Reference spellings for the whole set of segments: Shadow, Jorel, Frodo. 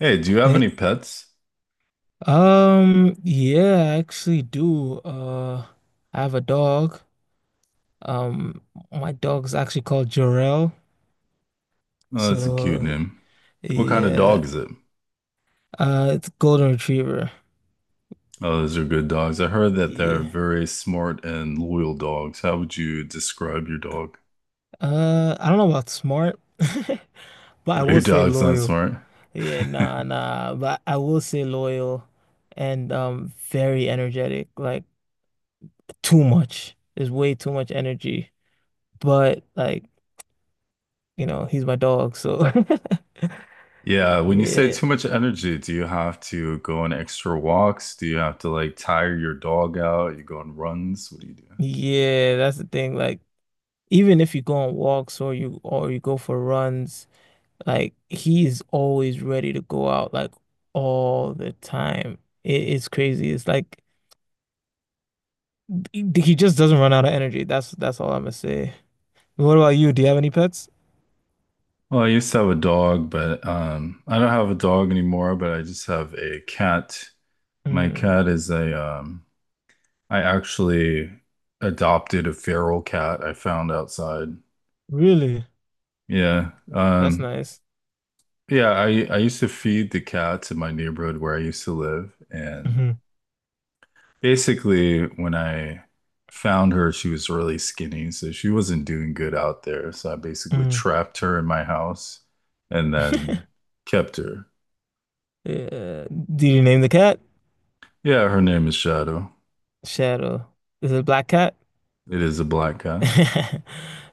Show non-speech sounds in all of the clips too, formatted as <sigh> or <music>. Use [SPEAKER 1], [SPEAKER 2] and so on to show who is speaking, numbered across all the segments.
[SPEAKER 1] Hey, do you have
[SPEAKER 2] Eh,
[SPEAKER 1] any pets?
[SPEAKER 2] yeah, I actually do. I have a dog. Um, my dog's actually called Jorel.
[SPEAKER 1] Oh, that's a cute
[SPEAKER 2] So,
[SPEAKER 1] name. What kind of dog
[SPEAKER 2] yeah.
[SPEAKER 1] is it?
[SPEAKER 2] It's a golden retriever.
[SPEAKER 1] Oh, those are good dogs. I heard that they're
[SPEAKER 2] Yeah.
[SPEAKER 1] very smart and loyal dogs. How would you describe your dog?
[SPEAKER 2] I don't know about smart, <laughs> but I
[SPEAKER 1] <laughs> Your
[SPEAKER 2] will say
[SPEAKER 1] dog's not
[SPEAKER 2] loyal.
[SPEAKER 1] smart. <laughs>
[SPEAKER 2] Yeah, nah, nah, but I will say loyal and very energetic. Like too much. There's way too much energy. But like, you know, he's my dog, so <laughs>
[SPEAKER 1] Yeah, when you say
[SPEAKER 2] Yeah.
[SPEAKER 1] too much energy, do you have to go on extra walks? Do you have to like tire your dog out? You go on runs? What do you do?
[SPEAKER 2] Yeah, that's the thing. Like, even if you go on walks or you go for runs, like he is always ready to go out like all the time. It's crazy. It's like he just doesn't run out of energy. That's all I'm gonna say. What about you? Do you have any pets?
[SPEAKER 1] Well, I used to have a dog, but I don't have a dog anymore, but I just have a cat. My
[SPEAKER 2] Mm,
[SPEAKER 1] cat is a I actually adopted a feral cat I found outside.
[SPEAKER 2] really?
[SPEAKER 1] Yeah.
[SPEAKER 2] That's nice.
[SPEAKER 1] Yeah, I used to feed the cats in my neighborhood where I used to live. And
[SPEAKER 2] Hmm.
[SPEAKER 1] basically, when I found her, she was really skinny. So she wasn't doing good out there. So I basically
[SPEAKER 2] Mm.
[SPEAKER 1] trapped her in my house and then
[SPEAKER 2] <laughs>
[SPEAKER 1] kept her.
[SPEAKER 2] Yeah. Did you name the cat?
[SPEAKER 1] Yeah, her name is Shadow.
[SPEAKER 2] Shadow. Is it a black cat?
[SPEAKER 1] It is a black guy.
[SPEAKER 2] <laughs>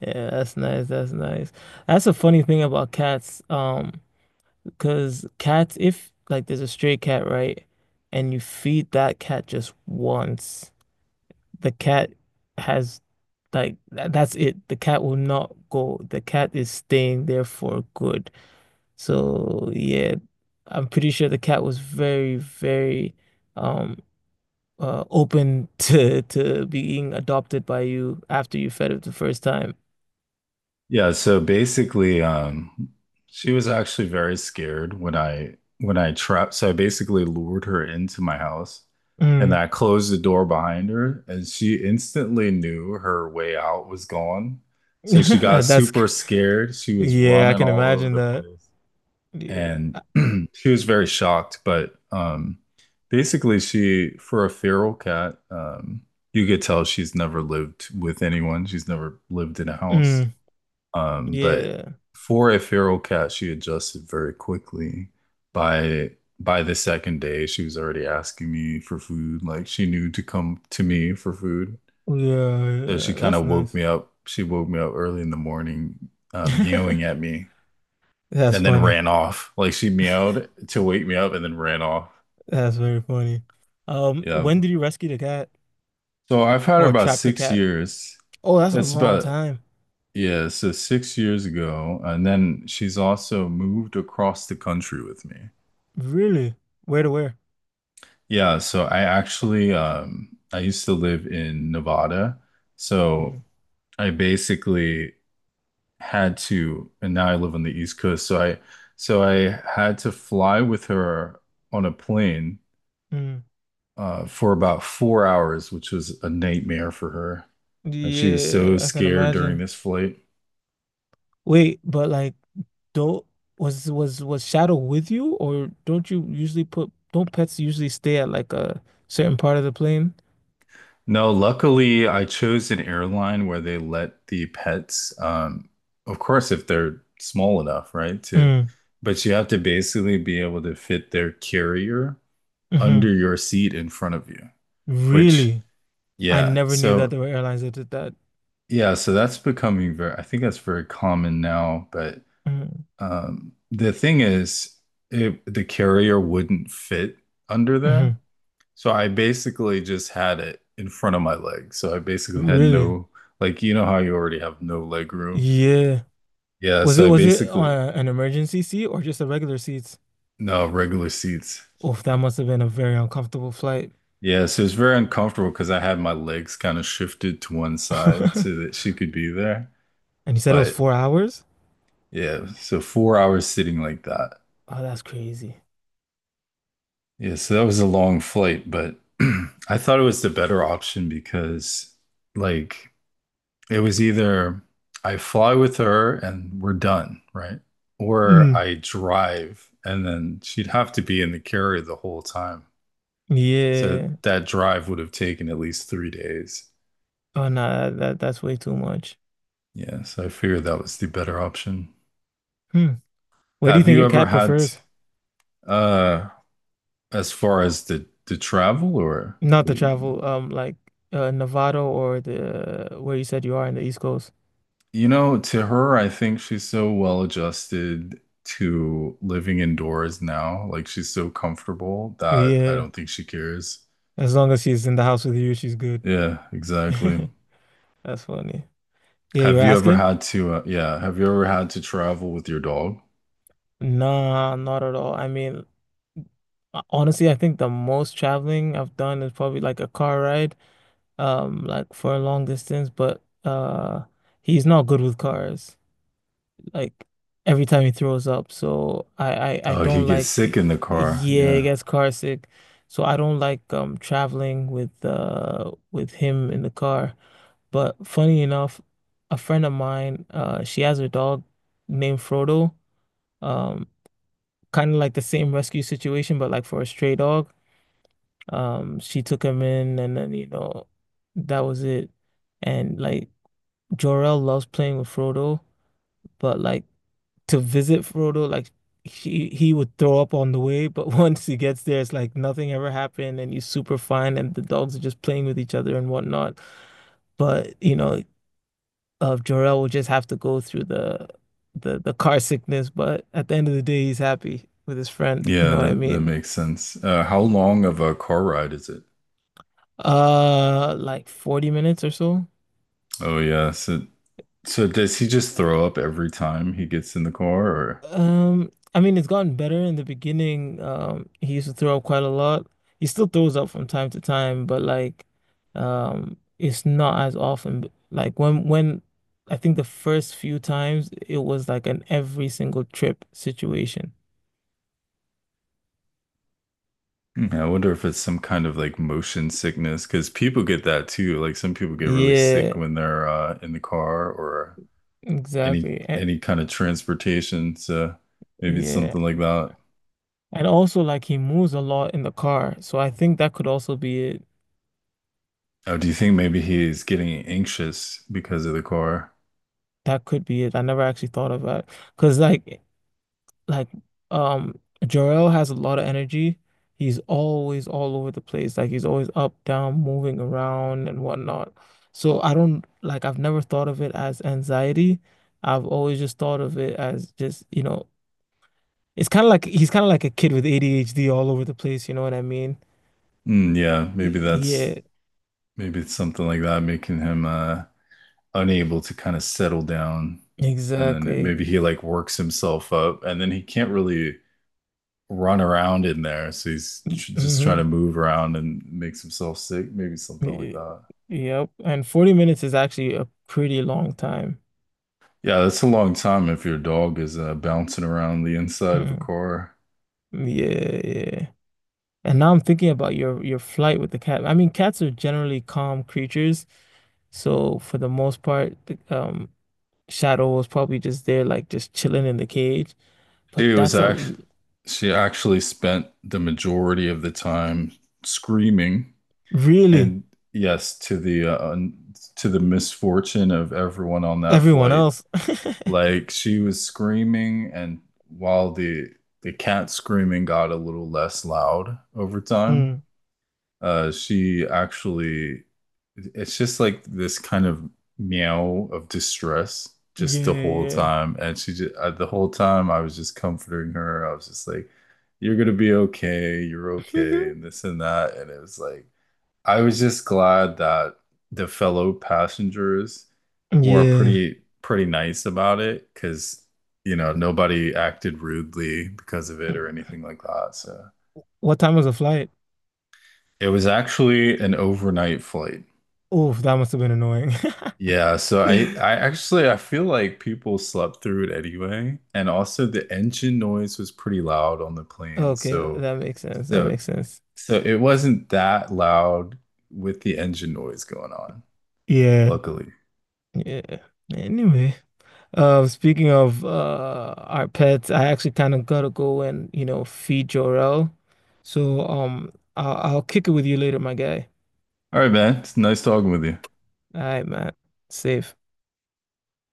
[SPEAKER 2] Yeah, that's nice. That's nice. That's a funny thing about cats. Because cats, if like there's a stray cat, right, and you feed that cat just once, the cat has like that's it. The cat will not go. The cat is staying there for good. So yeah, I'm pretty sure the cat was very, very um open <laughs> to being adopted by you after you fed it the first time.
[SPEAKER 1] Yeah, so basically, she was actually very scared when I trapped. So I basically lured her into my house, and
[SPEAKER 2] Mm.
[SPEAKER 1] I closed the door behind her, and she instantly knew her way out was gone. So she
[SPEAKER 2] <laughs>
[SPEAKER 1] got
[SPEAKER 2] That's
[SPEAKER 1] super
[SPEAKER 2] c-
[SPEAKER 1] scared. She was
[SPEAKER 2] yeah, I
[SPEAKER 1] running
[SPEAKER 2] can
[SPEAKER 1] all over
[SPEAKER 2] imagine
[SPEAKER 1] the
[SPEAKER 2] that.
[SPEAKER 1] place,
[SPEAKER 2] Yeah.
[SPEAKER 1] and
[SPEAKER 2] I-
[SPEAKER 1] <clears throat> she was very shocked. But basically, she for a feral cat, you could tell she's never lived with anyone. She's never lived in a house.
[SPEAKER 2] Mm,
[SPEAKER 1] But
[SPEAKER 2] yeah.
[SPEAKER 1] for a feral cat, she adjusted very quickly. By by the second day, she was already asking me for food. Like she knew to come to me for food.
[SPEAKER 2] Yeah,
[SPEAKER 1] So she
[SPEAKER 2] yeah.
[SPEAKER 1] kind
[SPEAKER 2] That's
[SPEAKER 1] of woke
[SPEAKER 2] nice.
[SPEAKER 1] me up. She woke me up early in the morning, meowing
[SPEAKER 2] <laughs>
[SPEAKER 1] at me,
[SPEAKER 2] That's
[SPEAKER 1] and then
[SPEAKER 2] funny.
[SPEAKER 1] ran off. Like she meowed to wake me up and then ran off.
[SPEAKER 2] That's very funny.
[SPEAKER 1] Yeah.
[SPEAKER 2] When did you rescue the cat
[SPEAKER 1] So I've had her
[SPEAKER 2] or
[SPEAKER 1] about
[SPEAKER 2] trap the
[SPEAKER 1] six
[SPEAKER 2] cat?
[SPEAKER 1] years.
[SPEAKER 2] Oh, that's a
[SPEAKER 1] That's
[SPEAKER 2] long
[SPEAKER 1] about
[SPEAKER 2] time.
[SPEAKER 1] yeah, so 6 years ago, and then she's also moved across the country with me.
[SPEAKER 2] Really? Where to where?
[SPEAKER 1] Yeah, so I actually I used to live in Nevada.
[SPEAKER 2] Mhm.
[SPEAKER 1] So I basically had to and now I live on the East Coast. So I had to fly with her on a plane
[SPEAKER 2] Mm.
[SPEAKER 1] for about 4 hours, which was a nightmare for her. And she was so
[SPEAKER 2] Yeah, I can
[SPEAKER 1] scared during
[SPEAKER 2] imagine.
[SPEAKER 1] this flight.
[SPEAKER 2] Wait, but like, don't was Shadow with you, or don't you usually put, don't pets usually stay at like a certain part of the plane?
[SPEAKER 1] No, luckily I chose an airline where they let the pets, of course, if they're small enough, right? To,
[SPEAKER 2] Mm.
[SPEAKER 1] but you have to basically be able to fit their carrier
[SPEAKER 2] Hmm.
[SPEAKER 1] under your seat in front of you, which,
[SPEAKER 2] Really? I
[SPEAKER 1] yeah.
[SPEAKER 2] never knew that
[SPEAKER 1] So,
[SPEAKER 2] there were airlines that did that.
[SPEAKER 1] yeah, so that's becoming very, I think that's very common now. But the thing is, it, the carrier wouldn't fit under there.
[SPEAKER 2] Mm-hmm.
[SPEAKER 1] So I basically just had it in front of my leg. So I basically had
[SPEAKER 2] Really?
[SPEAKER 1] no, like, you know how you already have no leg room?
[SPEAKER 2] Yeah.
[SPEAKER 1] Yeah. So I
[SPEAKER 2] Was it
[SPEAKER 1] basically,
[SPEAKER 2] an emergency seat or just a regular seats?
[SPEAKER 1] no, regular seats.
[SPEAKER 2] Oh, that must have been a very uncomfortable flight.
[SPEAKER 1] Yeah. So it's very uncomfortable because I had my legs kind of shifted to one side so
[SPEAKER 2] <laughs>
[SPEAKER 1] that she could be there.
[SPEAKER 2] And you said it was
[SPEAKER 1] But
[SPEAKER 2] 4 hours?
[SPEAKER 1] yeah. So 4 hours sitting like that.
[SPEAKER 2] Oh, that's crazy.
[SPEAKER 1] Yeah. So that was a long flight, but <clears throat> I thought it was the better option because, like, it was either I fly with her and we're done, right? Or
[SPEAKER 2] Mm.
[SPEAKER 1] I drive and then she'd have to be in the carrier the whole time. So
[SPEAKER 2] Yeah.
[SPEAKER 1] that drive would have taken at least 3 days.
[SPEAKER 2] Oh no, that's way too much.
[SPEAKER 1] Yeah, so I figured that was the better option.
[SPEAKER 2] Hmm. Where do you
[SPEAKER 1] Have
[SPEAKER 2] think
[SPEAKER 1] you
[SPEAKER 2] your
[SPEAKER 1] ever
[SPEAKER 2] cat
[SPEAKER 1] had
[SPEAKER 2] prefers?
[SPEAKER 1] uh as far as the travel or
[SPEAKER 2] Not
[SPEAKER 1] what
[SPEAKER 2] to
[SPEAKER 1] do you mean by
[SPEAKER 2] travel,
[SPEAKER 1] that?
[SPEAKER 2] Nevada or the where you said you are in the East Coast.
[SPEAKER 1] You know, to her, I think she's so well adjusted to living indoors now. Like she's so comfortable that I
[SPEAKER 2] Yeah.
[SPEAKER 1] don't think she cares.
[SPEAKER 2] As long as she's in the house with you, she's good.
[SPEAKER 1] Yeah, exactly.
[SPEAKER 2] <laughs> That's funny. Yeah, you
[SPEAKER 1] Have
[SPEAKER 2] were
[SPEAKER 1] you ever
[SPEAKER 2] asking?
[SPEAKER 1] had to, yeah, have you ever had to travel with your dog?
[SPEAKER 2] Nah, not at all. Honestly, I think the most traveling I've done is probably like a car ride, like for a long distance, but he's not good with cars. Like every time he throws up. So I
[SPEAKER 1] Oh, he
[SPEAKER 2] don't
[SPEAKER 1] gets
[SPEAKER 2] like
[SPEAKER 1] sick in the car.
[SPEAKER 2] yeah, he
[SPEAKER 1] Yeah.
[SPEAKER 2] gets car sick. So I don't like traveling with him in the car. But funny enough, a friend of mine, she has a dog named Frodo. Um, Kind of like the same rescue situation, but like for a stray dog. She took him in, and then you know, that was it. And like Jor-El loves playing with Frodo, but like to visit Frodo, like he would throw up on the way. But <laughs> once he gets there, it's like nothing ever happened, and he's super fine, and the dogs are just playing with each other and whatnot. But you know, Jor-El will just have to go through the car sickness, but at the end of the day, he's happy with his friend. You
[SPEAKER 1] Yeah,
[SPEAKER 2] know what I
[SPEAKER 1] that
[SPEAKER 2] mean?
[SPEAKER 1] makes sense. How long of a car ride is it?
[SPEAKER 2] Like 40 minutes or so.
[SPEAKER 1] Oh, yeah. So, so does he just throw up every time he gets in the car or?
[SPEAKER 2] I mean, it's gotten better in the beginning. He used to throw up quite a lot. He still throws up from time to time, but it's not as often. Like when I think the first few times it was like an every single trip situation.
[SPEAKER 1] Hmm, yeah, I wonder if it's some kind of like motion sickness because people get that too. Like some people get really sick
[SPEAKER 2] Yeah,
[SPEAKER 1] when they're in the car or any
[SPEAKER 2] exactly. And,
[SPEAKER 1] any kind of transportation. So maybe it's
[SPEAKER 2] yeah.
[SPEAKER 1] something like that.
[SPEAKER 2] And also like he moves a lot in the car. So I think that could also be it.
[SPEAKER 1] Oh, do you think maybe he's getting anxious because of the core?
[SPEAKER 2] That could be it. I never actually thought of that. Because like um Jarrell has a lot of energy. He's always all over the place. Like he's always up, down, moving around and whatnot. So I don't like I've never thought of it as anxiety. I've always just thought of it as just, you know, it's kind of like he's kind of like a kid with ADHD all over the place, you know what I mean?
[SPEAKER 1] Mm, yeah,
[SPEAKER 2] Yeah,
[SPEAKER 1] maybe it's something like that making him unable to kind of settle down. And then maybe
[SPEAKER 2] exactly.
[SPEAKER 1] he like works himself up and then he can't really run around in there. So he's tr just trying
[SPEAKER 2] Hmm.
[SPEAKER 1] to move around and makes himself sick, maybe something like that.
[SPEAKER 2] Yep. And 40 minutes is actually a pretty long time.
[SPEAKER 1] Yeah, that's a long time if your dog is bouncing around the inside of a
[SPEAKER 2] Mhm.
[SPEAKER 1] core.
[SPEAKER 2] Yeah, yeah. And now I'm thinking about your flight with the cat. I mean, cats are generally calm creatures, so for the most part, Shadow was probably just there, like just chilling in the cage. But
[SPEAKER 1] Dude, it was
[SPEAKER 2] that's a
[SPEAKER 1] act
[SPEAKER 2] l-
[SPEAKER 1] She actually spent the majority of the time screaming,
[SPEAKER 2] Really,
[SPEAKER 1] and yes, to the to the misfortune of everyone on that
[SPEAKER 2] everyone
[SPEAKER 1] flight.
[SPEAKER 2] else. <laughs>
[SPEAKER 1] Like she was screaming, and while the cat screaming got a little less loud over time,
[SPEAKER 2] Mm,
[SPEAKER 1] uh, she actually, it's just like this kind of meow of distress just the whole
[SPEAKER 2] yeah,
[SPEAKER 1] time. And she just, the whole time I was just comforting her. I was just like, you're gonna be okay, you're
[SPEAKER 2] yeah,
[SPEAKER 1] okay, and this and that. And it was like, I was just glad that the fellow passengers
[SPEAKER 2] <laughs>
[SPEAKER 1] were
[SPEAKER 2] yeah.
[SPEAKER 1] pretty nice about it because, you know, nobody acted rudely because of it or anything like that. So
[SPEAKER 2] What time was the flight?
[SPEAKER 1] it was actually an overnight flight.
[SPEAKER 2] Oh, that must have been annoying. <laughs>
[SPEAKER 1] Yeah, so I actually I feel like people slept through it anyway, and also the engine noise was pretty loud on the plane,
[SPEAKER 2] Okay, that makes sense. That
[SPEAKER 1] so
[SPEAKER 2] makes sense.
[SPEAKER 1] so it wasn't that loud with the engine noise going on,
[SPEAKER 2] Yeah,
[SPEAKER 1] luckily.
[SPEAKER 2] yeah. Anyway. Speaking of our pets, I actually kind of gotta go and you know feed Jorel. So I'll kick it with you later, my guy.
[SPEAKER 1] All right, man, it's nice talking with you.
[SPEAKER 2] All right, man. Safe.